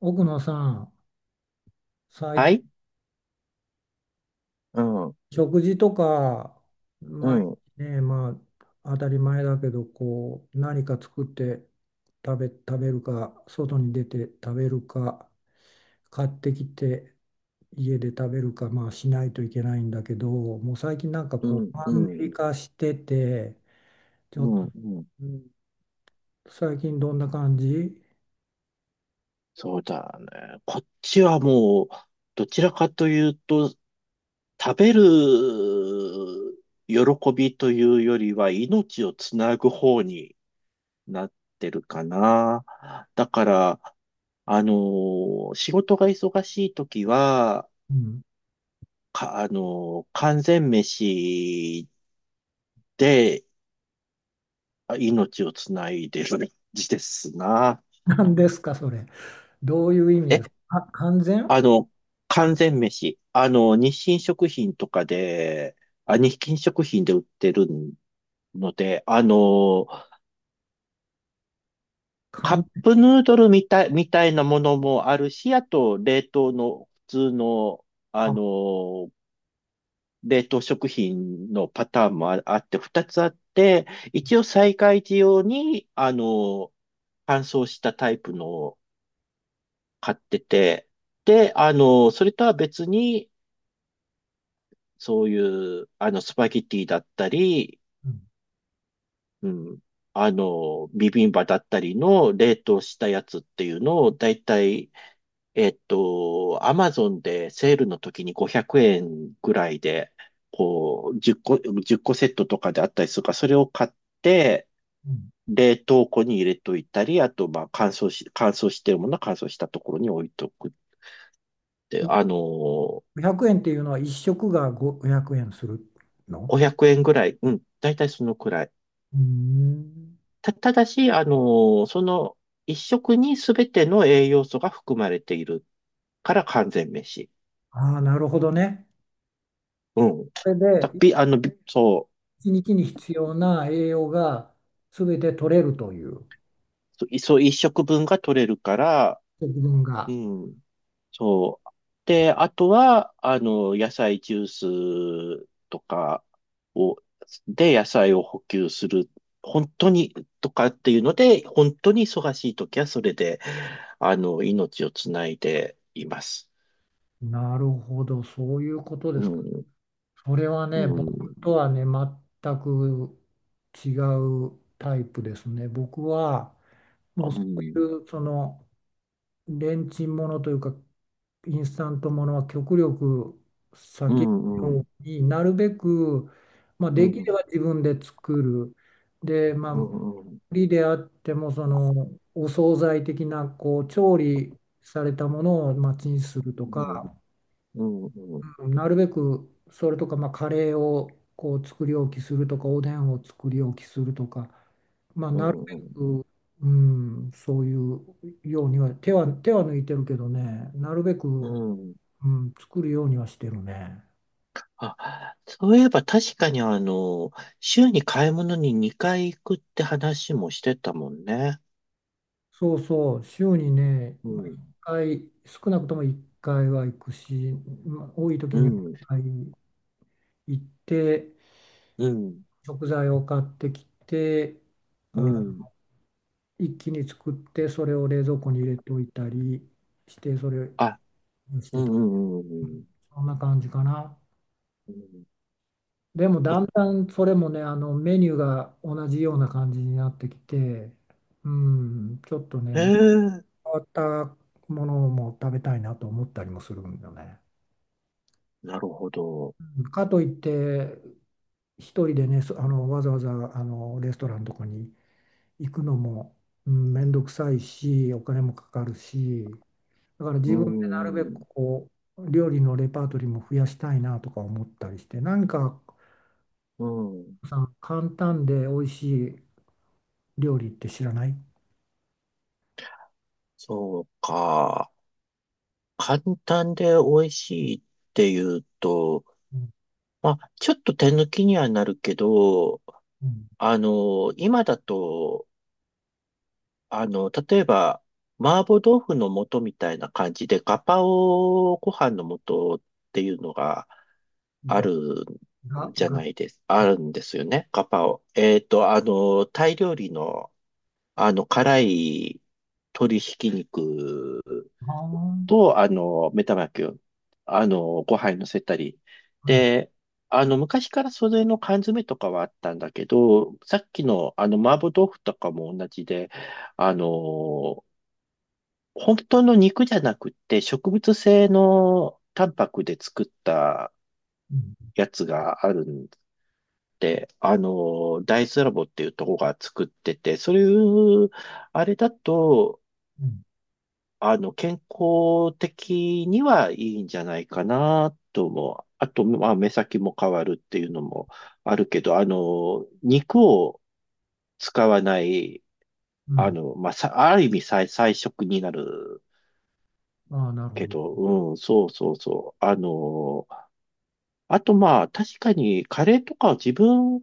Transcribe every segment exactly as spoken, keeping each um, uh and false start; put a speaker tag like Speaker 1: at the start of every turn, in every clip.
Speaker 1: 奥野さん、最
Speaker 2: は
Speaker 1: 近
Speaker 2: い。うん、うん、
Speaker 1: 食事とか、
Speaker 2: う
Speaker 1: 毎
Speaker 2: ん、
Speaker 1: 日ね、まあ当たり前だけど、こう何か作って食べ、食べるか、外に出て食べるか、買ってきて家で食べるか、まあしないといけないんだけど、もう最近なんか
Speaker 2: う
Speaker 1: こうマンネ
Speaker 2: ん、
Speaker 1: リ化してて、ち
Speaker 2: う
Speaker 1: ょっと、
Speaker 2: ん、うん。
Speaker 1: うん最近どんな感じ？
Speaker 2: そうだね。こっちはもう、どちらかというと、食べる喜びというよりは、命をつなぐ方になってるかな。だから、あのー仕事が忙しい時は、
Speaker 1: うん。
Speaker 2: か、あのー完全飯であ命をつないでる感じですな。
Speaker 1: 何ですか、それ。どういう意味で
Speaker 2: え
Speaker 1: すか。あ、完全
Speaker 2: あの、完
Speaker 1: 完
Speaker 2: 全飯。あの、日清食品とかで、あ、日清食品で売ってるので、あの、カ
Speaker 1: 完
Speaker 2: ッ
Speaker 1: 全。
Speaker 2: プヌードルみたい、みたいなものもあるし、あと、冷凍の普通の、あ
Speaker 1: あ、
Speaker 2: の、冷凍食品のパターンもあ、あって、二つあって、一応災害時用に、あの、乾燥したタイプのを買ってて、で、あの、それとは別に、そういう、あの、スパゲティだったり、
Speaker 1: うん、
Speaker 2: うん、あの、ビビンバだったりの冷凍したやつっていうのを、だいたい、えっと、アマゾンでセールの時にごひゃくえんぐらいで、こう、じゅっこ、いっこセットとかであったりするから、それを買って、
Speaker 1: うん、
Speaker 2: 冷凍庫に入れといたり、あと、まあ、乾燥し、乾燥してるものは乾燥したところに置いとくって、あの、
Speaker 1: ごひゃくえんっていうのは一食がごひゃくえんするの？
Speaker 2: ごひゃくえんぐらい、うん、だいたいそのくらい。
Speaker 1: うーん。
Speaker 2: た、ただし、あの、その一食に全ての栄養素が含まれているから完全飯。
Speaker 1: ああ、なるほどね。
Speaker 2: うん。
Speaker 1: それで、
Speaker 2: だ、び、あの、びそ
Speaker 1: 一日に必要な栄養が全て取れるという、
Speaker 2: う、いそう、一食分が取れるから、
Speaker 1: 節分
Speaker 2: う
Speaker 1: が。
Speaker 2: ん、そう。で、あとは、あの、野菜ジュースとかを、で、野菜を補給する。本当に、とかっていうので、本当に忙しい時はそれで、あの、命をつないでいます。
Speaker 1: なるほど、そういうこと
Speaker 2: う
Speaker 1: ですか。
Speaker 2: ん、
Speaker 1: それは
Speaker 2: う
Speaker 1: ね、僕
Speaker 2: ん。
Speaker 1: とはね、全く違うタイプですね。僕は、も
Speaker 2: う
Speaker 1: うそ
Speaker 2: ん、
Speaker 1: ういう、その、レンチンものというか、インスタントものは極力
Speaker 2: う
Speaker 1: 避ける
Speaker 2: ん、う
Speaker 1: よ
Speaker 2: ん、
Speaker 1: うに、なるべく、まあ、
Speaker 2: うん、
Speaker 1: で
Speaker 2: う
Speaker 1: きれ
Speaker 2: ん、
Speaker 1: ば自分で作る。で、ま
Speaker 2: う
Speaker 1: あ、
Speaker 2: ん、
Speaker 1: 売りであっても、その、お惣菜的な、こう、調理されたものを、まあ、チンすると
Speaker 2: うん、
Speaker 1: か、
Speaker 2: うん、うん、
Speaker 1: なるべくそれとか、まあ、カレーをこう作り置きするとかおでんを作り置きするとか、まあ、
Speaker 2: う
Speaker 1: なるべ
Speaker 2: ん、
Speaker 1: く、うん、そういうようには手は、手は抜いてるけどね、なるべく、
Speaker 2: うん。
Speaker 1: うん、作るようにはしてるね。
Speaker 2: あ、そういえば確かにあの、週に買い物ににかい行くって話もしてたもんね。
Speaker 1: そうそう、週にね、
Speaker 2: う
Speaker 1: まあ、
Speaker 2: ん、
Speaker 1: 回少なくともいっかいは行くし、まあ、多い時
Speaker 2: う
Speaker 1: には1
Speaker 2: ん、
Speaker 1: 回行って
Speaker 2: うん、
Speaker 1: 食材を買ってきて、
Speaker 2: う
Speaker 1: あ
Speaker 2: ん。
Speaker 1: 一気に作ってそれを冷蔵庫に入れといたりして、それ
Speaker 2: あ、
Speaker 1: にし
Speaker 2: う
Speaker 1: て
Speaker 2: ん、
Speaker 1: た、
Speaker 2: うん、うん、
Speaker 1: そんな感じかな。
Speaker 2: うん。
Speaker 1: でも
Speaker 2: う
Speaker 1: だんだんそれもね、あのメニューが同じような感じになってきて、うん、ちょっとね、
Speaker 2: えー
Speaker 1: 変わったものも食べたいなと思ったりもするんだよね。
Speaker 2: なるほど。
Speaker 1: かといって一人でね、そあの、わざわざあのレストランとかに行くのも、うん、めんどくさいしお金もかかるし、だから
Speaker 2: う
Speaker 1: 自分でなるべく
Speaker 2: ん、
Speaker 1: こう、料理のレパートリーも増やしたいなとか思ったりして、何か
Speaker 2: うん。
Speaker 1: さん、簡単で美味しい料理って知らない？
Speaker 2: そうか。簡単で美味しいっていうと、
Speaker 1: うん、
Speaker 2: まあ、ちょっと手抜きにはなるけど、
Speaker 1: うん、
Speaker 2: あの、今だと、あの、例えば、麻婆豆腐の素みたいな感じで、ガパオご飯の素っていうのがあ
Speaker 1: が、
Speaker 2: る
Speaker 1: が、
Speaker 2: じゃ
Speaker 1: が、あ
Speaker 2: ないです。あるんですよね。ガパオ。えっと、あの、タイ料理の、あの、辛い鶏ひき肉
Speaker 1: あ、は
Speaker 2: と、あの、目玉焼きを、あの、ご飯に乗せたり。
Speaker 1: い、
Speaker 2: で、あの、昔からそれの缶詰とかはあったんだけど、さっきの、あの、麻婆豆腐とかも同じで、あの、本当の肉じゃなくて、植物性のタンパクで作った
Speaker 1: うん、
Speaker 2: やつがあるんで、あの、大豆ラボっていうとこが作ってて、そういう、あれだと、
Speaker 1: うん、
Speaker 2: あの、健康的にはいいんじゃないかなと思う。あと、まあ、目先も変わるっていうのもあるけど、あの、肉を使わない、
Speaker 1: う
Speaker 2: あ
Speaker 1: ん、
Speaker 2: の、まあ、さ、ある意味菜、菜食になる
Speaker 1: ああ、なるほ
Speaker 2: け
Speaker 1: ど。
Speaker 2: ど、うん、そうそうそう。あの、あとまあ、確かにカレーとかは自分、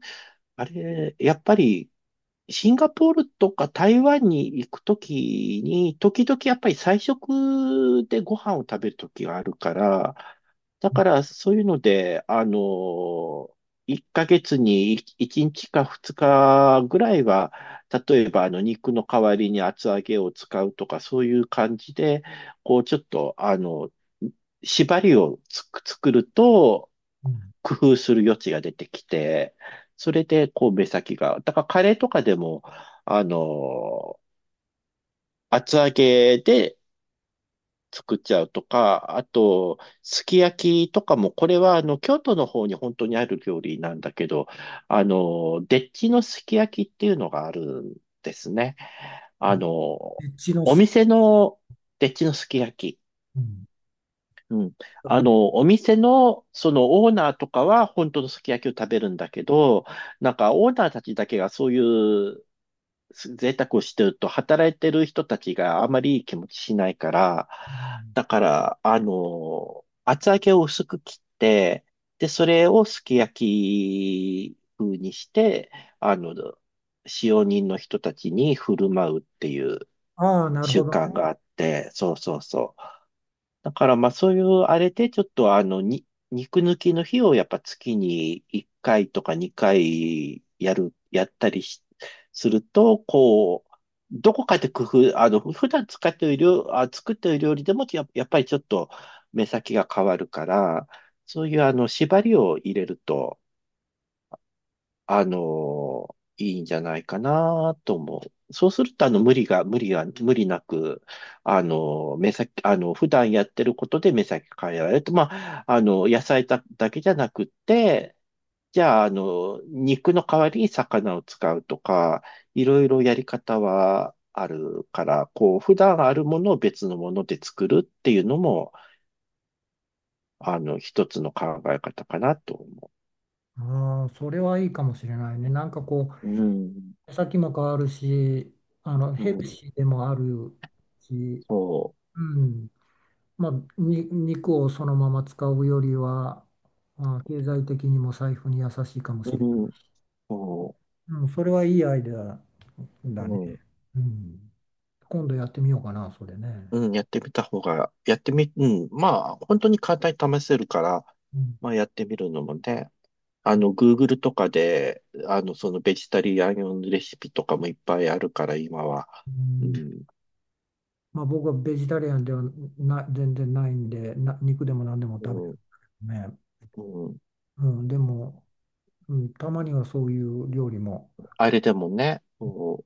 Speaker 2: あれ、やっぱりシンガポールとか台湾に行くときに、時々やっぱり菜食でご飯を食べるときがあるから、だ
Speaker 1: うん、
Speaker 2: からそういうので、あの、いっかげつにいちにちかふつかぐらいは、例えばあの肉の代わりに厚揚げを使うとか、そういう感じで、こうちょっと、あの、縛りをつく作ると、
Speaker 1: う
Speaker 2: 工夫する余地が出てきて、それで、こう、目先が。だから、カレーとかでも、あの、厚揚げで作っちゃうとか、あと、すき焼きとかも、これは、あの、京都の方に本当にある料理なんだけど、あの、でっちのすき焼きっていうのがあるんですね。あ
Speaker 1: ん、
Speaker 2: の、
Speaker 1: エッチの
Speaker 2: お
Speaker 1: す、
Speaker 2: 店のでっちのすき焼き。
Speaker 1: うん、
Speaker 2: うん。
Speaker 1: 聞いたこ
Speaker 2: あ
Speaker 1: と、
Speaker 2: の、お店の、そのオーナーとかは本当のすき焼きを食べるんだけど、なんかオーナーたちだけがそういう贅沢をしてると、働いてる人たちがあまりいい気持ちしないから、
Speaker 1: うん、
Speaker 2: だから、あの、厚揚げを薄く切って、で、それをすき焼き風にして、あの、使用人の人たちに振る舞うっていう
Speaker 1: ああ、なる
Speaker 2: 習
Speaker 1: ほど
Speaker 2: 慣
Speaker 1: ね。
Speaker 2: があって、そうそうそう。だからまあそういうあれでちょっとあのに肉抜きの日をやっぱ月にいっかいとかにかいやる、やったりしすると、こう、どこかで工夫、あの、普段使っている料、あ、作っている料理でもや、やっぱりちょっと目先が変わるから、そういうあの縛りを入れるとあの、いいんじゃないかなと思う。そうすると、あの、無理が、無理が、無理なく、あの、目先、あの、普段やってることで目先変えられると、まあ、あの、野菜だ、だけじゃなくって、じゃあ、あの、肉の代わりに魚を使うとか、いろいろやり方はあるから、こう、普段あるものを別のもので作るっていうのも、あの、一つの考え方かなと思
Speaker 1: ああ、それはいいかもしれないね。なんかこ
Speaker 2: う。うん、
Speaker 1: う、先も変わるし、あの、
Speaker 2: う
Speaker 1: ヘル
Speaker 2: ん、
Speaker 1: シーでもあるし、
Speaker 2: そ
Speaker 1: うん、まあ、に肉をそのまま使うよりは、まあ、経済的にも財布に優しいかもし
Speaker 2: う。
Speaker 1: れない。
Speaker 2: うんそ
Speaker 1: うん、それはいいアイデア
Speaker 2: う、
Speaker 1: だね。
Speaker 2: うん、
Speaker 1: うん、今度やってみようかな、それね。
Speaker 2: うん、やってみた方が、やってみ、うん、まあ、本当に簡単に試せるから、
Speaker 1: うん、
Speaker 2: まあ、やってみるのもね、あの、Google とかで、あの、そのベジタリアン用のレシピとかもいっぱいあるから、今は。
Speaker 1: う
Speaker 2: う
Speaker 1: ん、
Speaker 2: ん、
Speaker 1: まあ、僕はベジタリアンではな、全然ないんで、な、肉でも何でも
Speaker 2: う
Speaker 1: 食べ
Speaker 2: ん、
Speaker 1: るね。
Speaker 2: うん。
Speaker 1: うん、でも、うん、たまにはそういう料理も
Speaker 2: あれでもね、そ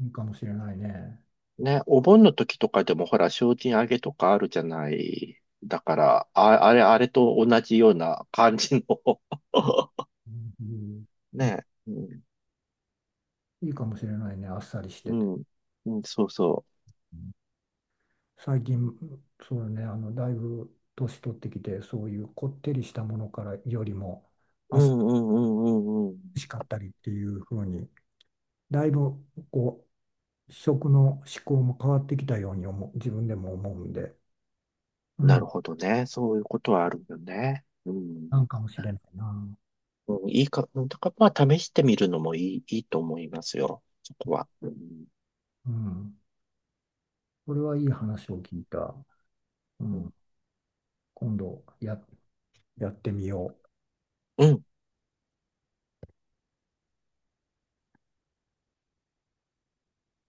Speaker 1: いいかもしれないね。
Speaker 2: う、ね、お盆の時とかでも、ほら、精進揚げとかあるじゃない。だから、あ、あれ、あれと同じような感じの
Speaker 1: うん、うん、
Speaker 2: ね、うん、
Speaker 1: いいかもしれないね、あっさりして
Speaker 2: う
Speaker 1: て。
Speaker 2: ん、うん、そうそう。
Speaker 1: うん、最近、そうだね、あの、だいぶ年取ってきて、そういうこってりしたものからよりも、あ
Speaker 2: う
Speaker 1: っさ
Speaker 2: んうんうんうんうん。
Speaker 1: りしかったりっていう風に、だいぶこう、食の思考も変わってきたように思う、自分でも思うんで、う
Speaker 2: なる
Speaker 1: ん、
Speaker 2: ほどね。そういうことはあるよね。うん。
Speaker 1: なんかもしれないな。
Speaker 2: うん、いいか、うんだからまあ試してみるのもいい、いいと思いますよ。そこは。うん。
Speaker 1: うん、これはいい話を聞いた。う
Speaker 2: うん。
Speaker 1: ん、今度や、やってみよう。
Speaker 2: うん。